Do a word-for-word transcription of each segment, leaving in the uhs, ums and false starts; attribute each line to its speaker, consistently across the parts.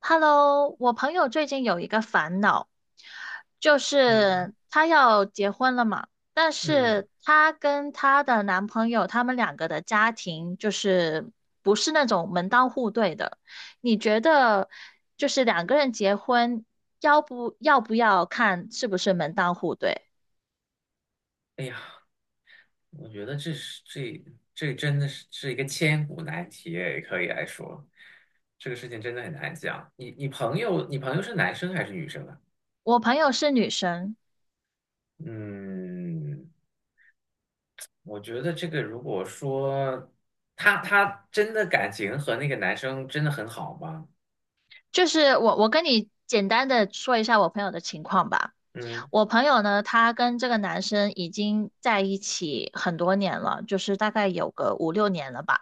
Speaker 1: Hello，我朋友最近有一个烦恼，就
Speaker 2: 嗯
Speaker 1: 是她要结婚了嘛，但
Speaker 2: 嗯，
Speaker 1: 是她跟她的男朋友，他们两个的家庭就是不是那种门当户对的。你觉得就是两个人结婚，要不要不要看是不是门当户对？
Speaker 2: 哎呀，我觉得这是这这真的是是一个千古难题，也可以来说，这个事情真的很难讲。你你朋友，你朋友是男生还是女生啊？
Speaker 1: 我朋友是女生，
Speaker 2: 嗯，我觉得这个如果说他他真的感情和那个男生真的很好吗？
Speaker 1: 就是我我跟你简单的说一下我朋友的情况吧。
Speaker 2: 嗯，
Speaker 1: 我朋友呢，他跟这个男生已经在一起很多年了，就是大概有个五六年了吧。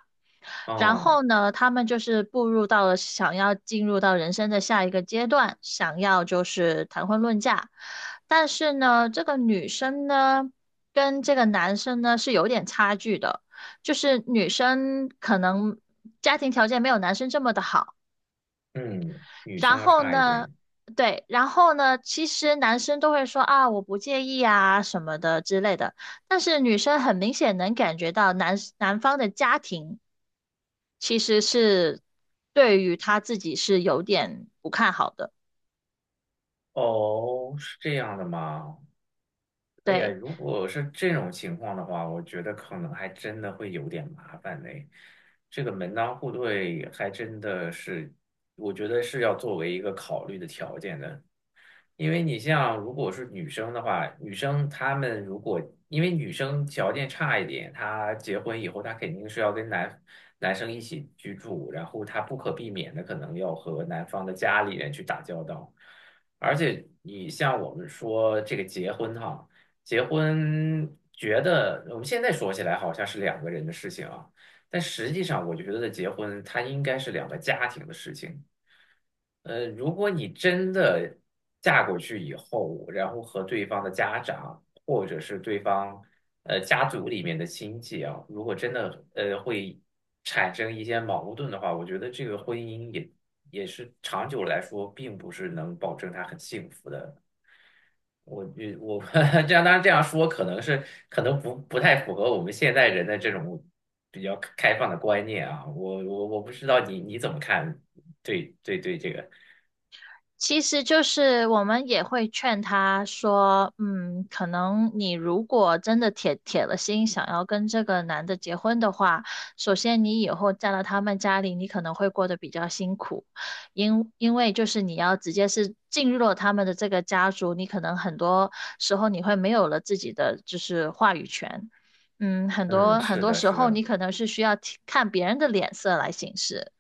Speaker 1: 然
Speaker 2: 哦，
Speaker 1: 后呢，他们就是步入到了想要进入到人生的下一个阶段，想要就是谈婚论嫁。但是呢，这个女生呢，跟这个男生呢是有点差距的，就是女生可能家庭条件没有男生这么的好。
Speaker 2: 嗯，女生
Speaker 1: 然
Speaker 2: 要
Speaker 1: 后
Speaker 2: 差一
Speaker 1: 呢，
Speaker 2: 点。
Speaker 1: 对，然后呢，其实男生都会说啊，我不介意啊什么的之类的，但是女生很明显能感觉到男男方的家庭其实是对于他自己是有点不看好的。
Speaker 2: 哦，是这样的吗？哎呀，
Speaker 1: 对，
Speaker 2: 如果是这种情况的话，我觉得可能还真的会有点麻烦呢。这个门当户对还真的是，我觉得是要作为一个考虑的条件的。因为你像如果是女生的话，女生她们如果因为女生条件差一点，她结婚以后她肯定是要跟男男生一起居住，然后她不可避免的可能要和男方的家里人去打交道，而且你像我们说这个结婚哈，结婚觉得我们现在说起来好像是两个人的事情啊，但实际上我就觉得结婚它应该是两个家庭的事情。呃，如果你真的嫁过去以后，然后和对方的家长或者是对方呃家族里面的亲戚啊，如果真的呃会产生一些矛盾的话，我觉得这个婚姻也也是长久来说，并不是能保证他很幸福的。我觉我 这样当然这样说可能是可能不不太符合我们现代人的这种比较开放的观念啊。我我我不知道你你怎么看，对对对，这个。
Speaker 1: 其实就是我们也会劝他说，嗯，可能你如果真的铁铁了心想要跟这个男的结婚的话，首先你以后嫁到他们家里，你可能会过得比较辛苦，因因为就是你要直接是进入了他们的这个家族，你可能很多时候你会没有了自己的就是话语权，嗯，很
Speaker 2: 嗯，
Speaker 1: 多很
Speaker 2: 是
Speaker 1: 多
Speaker 2: 的，
Speaker 1: 时
Speaker 2: 是
Speaker 1: 候你
Speaker 2: 的，
Speaker 1: 可能是需要提看别人的脸色来行事，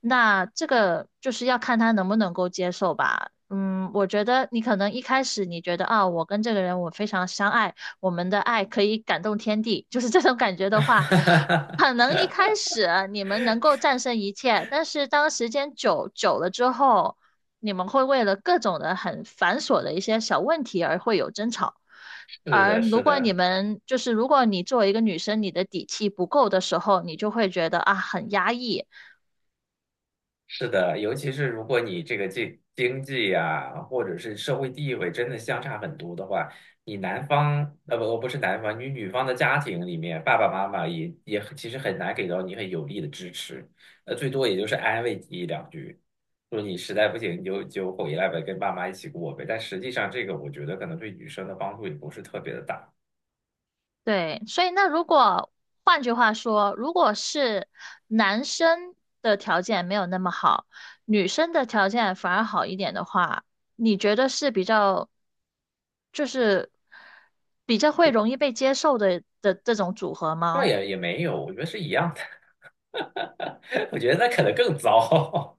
Speaker 1: 那这个就是要看他能不能够接受吧。嗯，我觉得你可能一开始你觉得啊，我跟这个人我非常相爱，我们的爱可以感动天地，就是这种感觉的话，可 能一开始你们能够战胜一切，但是当时间久久了之后，你们会为了各种的很繁琐的一些小问题而会有争吵。
Speaker 2: 是
Speaker 1: 而
Speaker 2: 的，
Speaker 1: 如
Speaker 2: 是
Speaker 1: 果你
Speaker 2: 的，
Speaker 1: 们就是如果你作为一个女生，你的底气不够的时候，你就会觉得啊很压抑。
Speaker 2: 是的，尤其是如果你这个经经济呀、或者是社会地位真的相差很多的话，你男方，呃不不是男方，你女方的家庭里面，爸爸妈妈也也其实很难给到你很有力的支持，呃，最多也就是安慰你一两句，说你实在不行你就就回来呗，跟爸妈一起过呗。但实际上，这个我觉得可能对女生的帮助也不是特别的大。
Speaker 1: 对，所以那如果换句话说，如果是男生的条件没有那么好，女生的条件反而好一点的话，你觉得是比较就是比较会容易被接受的的这种组合
Speaker 2: 倒
Speaker 1: 吗？
Speaker 2: 也也没有，我觉得是一样的。我觉得那可能更糟，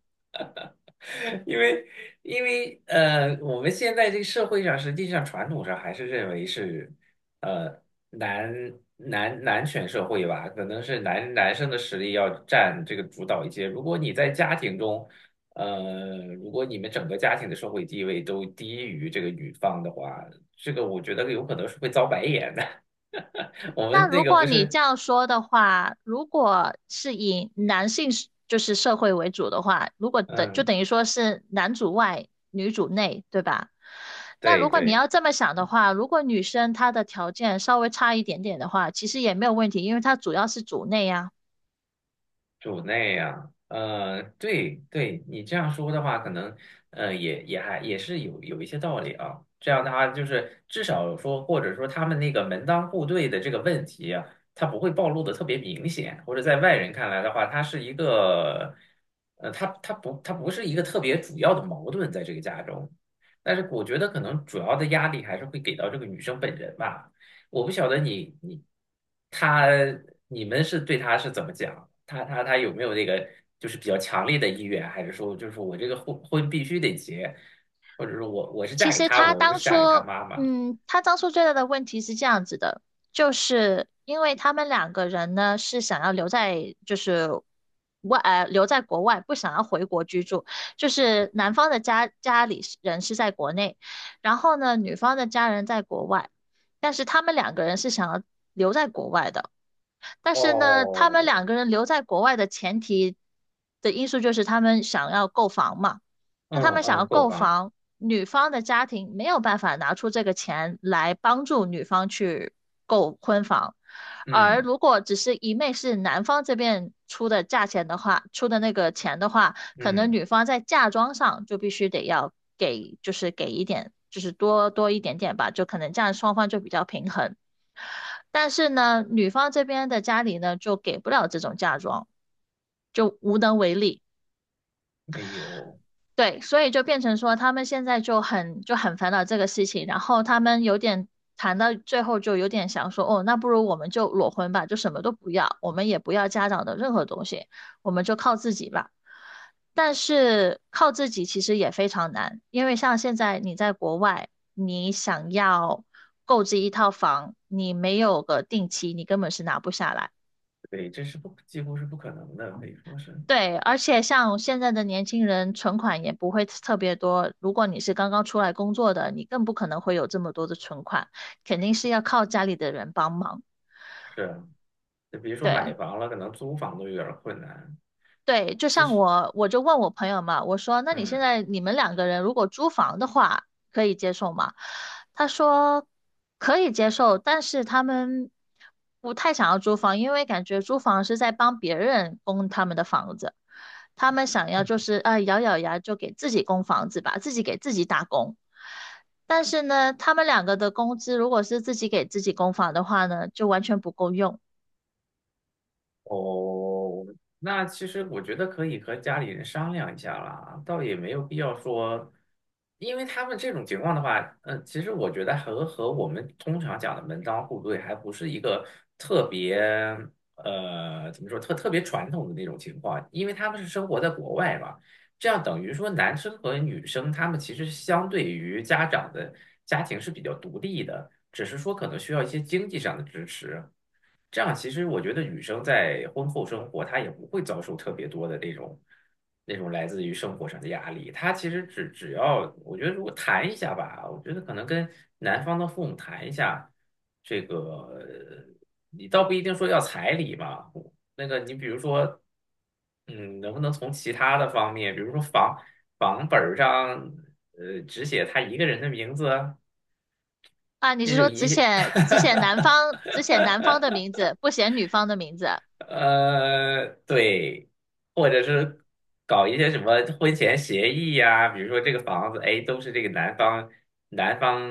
Speaker 2: 因为因为呃，我们现在这个社会上，实际上传统上还是认为是呃男男男权社会吧，可能是男男生的实力要占这个主导一些。如果你在家庭中，呃，如果你们整个家庭的社会地位都低于这个女方的话，这个我觉得有可能是会遭白眼的。我
Speaker 1: 那
Speaker 2: 们那
Speaker 1: 如
Speaker 2: 个
Speaker 1: 果
Speaker 2: 不
Speaker 1: 你这
Speaker 2: 是，
Speaker 1: 样说的话，如果是以男性是就是社会为主的话，如果等就
Speaker 2: 嗯，
Speaker 1: 等于说是男主外女主内，对吧？那
Speaker 2: 对
Speaker 1: 如果你
Speaker 2: 对。
Speaker 1: 要这么想的话，如果女生她的条件稍微差一点点的话，其实也没有问题，因为她主要是主内呀。
Speaker 2: 主内啊，呃，对对，你这样说的话，可能呃也也还也是有有一些道理啊。这样的话，就是至少说，或者说他们那个门当户对的这个问题啊，它不会暴露的特别明显，或者在外人看来的话，它是一个，呃，它它不它不是一个特别主要的矛盾在这个家中。但是我觉得可能主要的压力还是会给到这个女生本人吧。我不晓得你你他你们是对他是怎么讲？他他他有没有那个就是比较强烈的意愿，还是说就是我这个婚婚必须得结，或者说我我是
Speaker 1: 其
Speaker 2: 嫁给
Speaker 1: 实
Speaker 2: 他，
Speaker 1: 他
Speaker 2: 我不
Speaker 1: 当
Speaker 2: 是
Speaker 1: 初，
Speaker 2: 嫁给他妈妈？
Speaker 1: 嗯，他当初最大的问题是这样子的，就是因为他们两个人呢是想要留在，就是外，呃，留在国外，不想要回国居住。就是男方的家家里是人是在国内，然后呢，女方的家人在国外，但是他们两个人是想要留在国外的。但是呢，他
Speaker 2: 哦，
Speaker 1: 们两个人留在国外的前提的因素就是他们想要购房嘛。那他
Speaker 2: 嗯
Speaker 1: 们想要
Speaker 2: 嗯，购
Speaker 1: 购
Speaker 2: 房，
Speaker 1: 房，女方的家庭没有办法拿出这个钱来帮助女方去购婚房，而
Speaker 2: 嗯
Speaker 1: 如果只是一昧是男方这边出的价钱的话，出的那个钱的话，可能
Speaker 2: 嗯，
Speaker 1: 女方在嫁妆上就必须得要给，就是给一点。就是多多一点点吧，就可能这样双方就比较平衡。但是呢，女方这边的家里呢，就给不了这种嫁妆，就无能为力。
Speaker 2: 哎呦，
Speaker 1: 对，所以就变成说他们现在就很就很烦恼这个事情，然后他们有点谈到最后就有点想说，哦，那不如我们就裸婚吧，就什么都不要，我们也不要家长的任何东西，我们就靠自己吧。但是靠自己其实也非常难，因为像现在你在国外，你想要购置一套房，你没有个定期，你根本是拿不下来。
Speaker 2: 对，这是，不几乎是不可能的，可以说是
Speaker 1: 对，而且像现在的年轻人，存款也不会特别多。如果你是刚刚出来工作的，你更不可能会有这么多的存款，肯定是要靠家里的人帮忙。
Speaker 2: 是，就如说
Speaker 1: 对。
Speaker 2: 买房了，可能租房都有点儿困难。
Speaker 1: 对，就
Speaker 2: 其
Speaker 1: 像
Speaker 2: 实，
Speaker 1: 我，我就问我朋友嘛，我说，那你现
Speaker 2: 嗯。
Speaker 1: 在你们两个人如果租房的话，可以接受吗？他说可以接受，但是他们不太想要租房，因为感觉租房是在帮别人供他们的房子，他们想要就是啊、咬咬牙就给自己供房子吧，自己给自己打工。但是呢，他们两个的工资如果是自己给自己供房的话呢，就完全不够用。
Speaker 2: 哦，那其实我觉得可以和家里人商量一下啦，倒也没有必要说，因为他们这种情况的话，呃，其实我觉得和和我们通常讲的门当户对还不是一个特别，呃，怎么说特特别传统的那种情况，因为他们是生活在国外嘛，这样等于说男生和女生他们其实相对于家长的家庭是比较独立的，只是说可能需要一些经济上的支持。这样其实我觉得女生在婚后生活，她也不会遭受特别多的那种那种来自于生活上的压力。她其实只只要我觉得如果谈一下吧，我觉得可能跟男方的父母谈一下，这个呃你倒不一定说要彩礼嘛，那个你比如说，嗯，能不能从其他的方面，比如说房房本儿上，呃，只写他一个人的名字，
Speaker 1: 啊，你是
Speaker 2: 这就
Speaker 1: 说只
Speaker 2: 一。
Speaker 1: 写只写男方只写 男方的名字，不写女方的名字？
Speaker 2: 呃，对，或者是搞一些什么婚前协议呀、比如说这个房子，哎，都是这个男方男方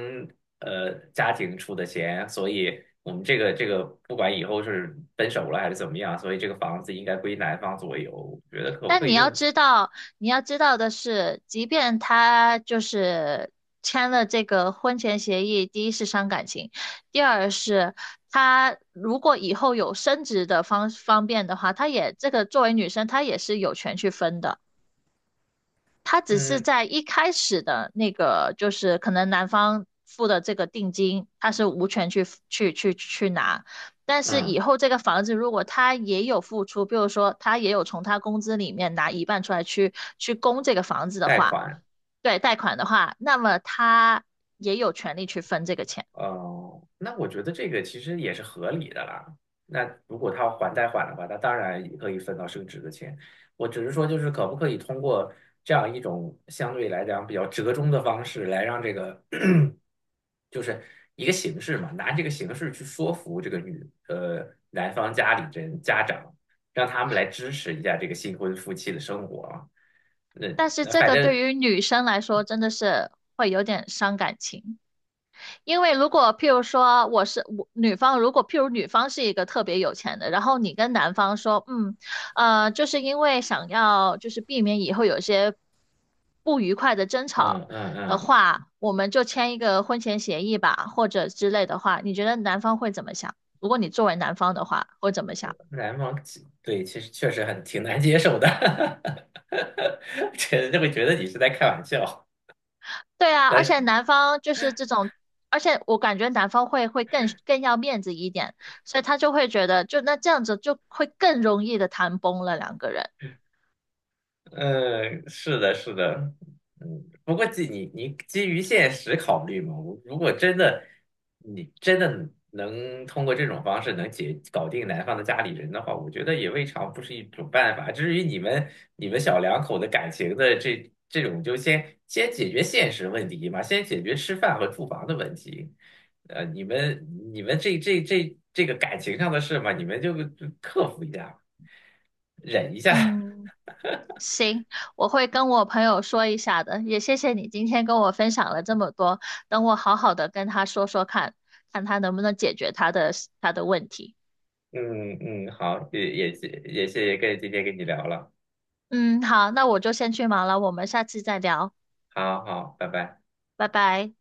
Speaker 2: 呃家庭出的钱，所以我们这个这个不管以后是分手了还是怎么样，所以这个房子应该归男方所有。我觉得可不
Speaker 1: 但
Speaker 2: 可
Speaker 1: 你
Speaker 2: 以
Speaker 1: 要
Speaker 2: 用这，
Speaker 1: 知道，你要知道的是，即便他就是签了这个婚前协议，第一是伤感情，第二是他如果以后有升职的方方便的话，他也这个作为女生，她也是有权去分的。他只是
Speaker 2: 嗯
Speaker 1: 在一开始的那个，就是可能男方付的这个定金，他是无权去去去去拿。但是以
Speaker 2: 嗯，
Speaker 1: 后这个房子如果他也有付出，比如说他也有从他工资里面拿一半出来去去供这个房子的
Speaker 2: 贷
Speaker 1: 话，
Speaker 2: 款？
Speaker 1: 对，贷款的话，那么他也有权利去分这个钱。
Speaker 2: 哦，那我觉得这个其实也是合理的啦。那如果他要还贷款的话，那当然也可以分到升值的钱。我只是说，就是可不可以通过这样一种相对来讲比较折中的方式，来让这个 就是一个形式嘛，拿这个形式去说服这个女呃男方家里人家长，让他们来支持一下这个新婚夫妻的生活啊。那
Speaker 1: 但是
Speaker 2: 那
Speaker 1: 这
Speaker 2: 反
Speaker 1: 个对
Speaker 2: 正，
Speaker 1: 于女生来说真的是会有点伤感情。因为如果譬如说我是我女方，如果譬如女方是一个特别有钱的，然后你跟男方说，嗯，呃，就是因为想要就是避免以后有些不愉快的争吵
Speaker 2: 嗯嗯
Speaker 1: 的
Speaker 2: 嗯，
Speaker 1: 话，我们就签一个婚前协议吧，或者之类的话，你觉得男方会怎么想？如果你作为男方的话，会怎么想？
Speaker 2: 篮网，对，其实确实很挺难接受的，这就会觉得你是在开玩笑。
Speaker 1: 对 啊，而且
Speaker 2: 但，
Speaker 1: 男方就是这种，而且我感觉男方会会更更要面子一点，所以他就会觉得，就那这样子就会更容易的谈崩了两个人。
Speaker 2: 嗯，是的，是的，嗯，不过基你你基于现实考虑嘛，我如果真的你真的能通过这种方式能解搞定男方的家里人的话，我觉得也未尝不是一种办法。至于你们你们小两口的感情的这这种，就先先解决现实问题嘛，先解决吃饭和住房的问题。呃，你们你们这这这这个感情上的事嘛，你们就就克服一下，忍一下。
Speaker 1: 嗯，行，我会跟我朋友说一下的，也谢谢你今天跟我分享了这么多，等我好好的跟他说说看，看他能不能解决他的他的问题。
Speaker 2: 嗯嗯，好，也也谢也谢谢跟今天跟你聊了，
Speaker 1: 嗯，好，那我就先去忙了，我们下次再聊，
Speaker 2: 好好，拜拜。
Speaker 1: 拜拜。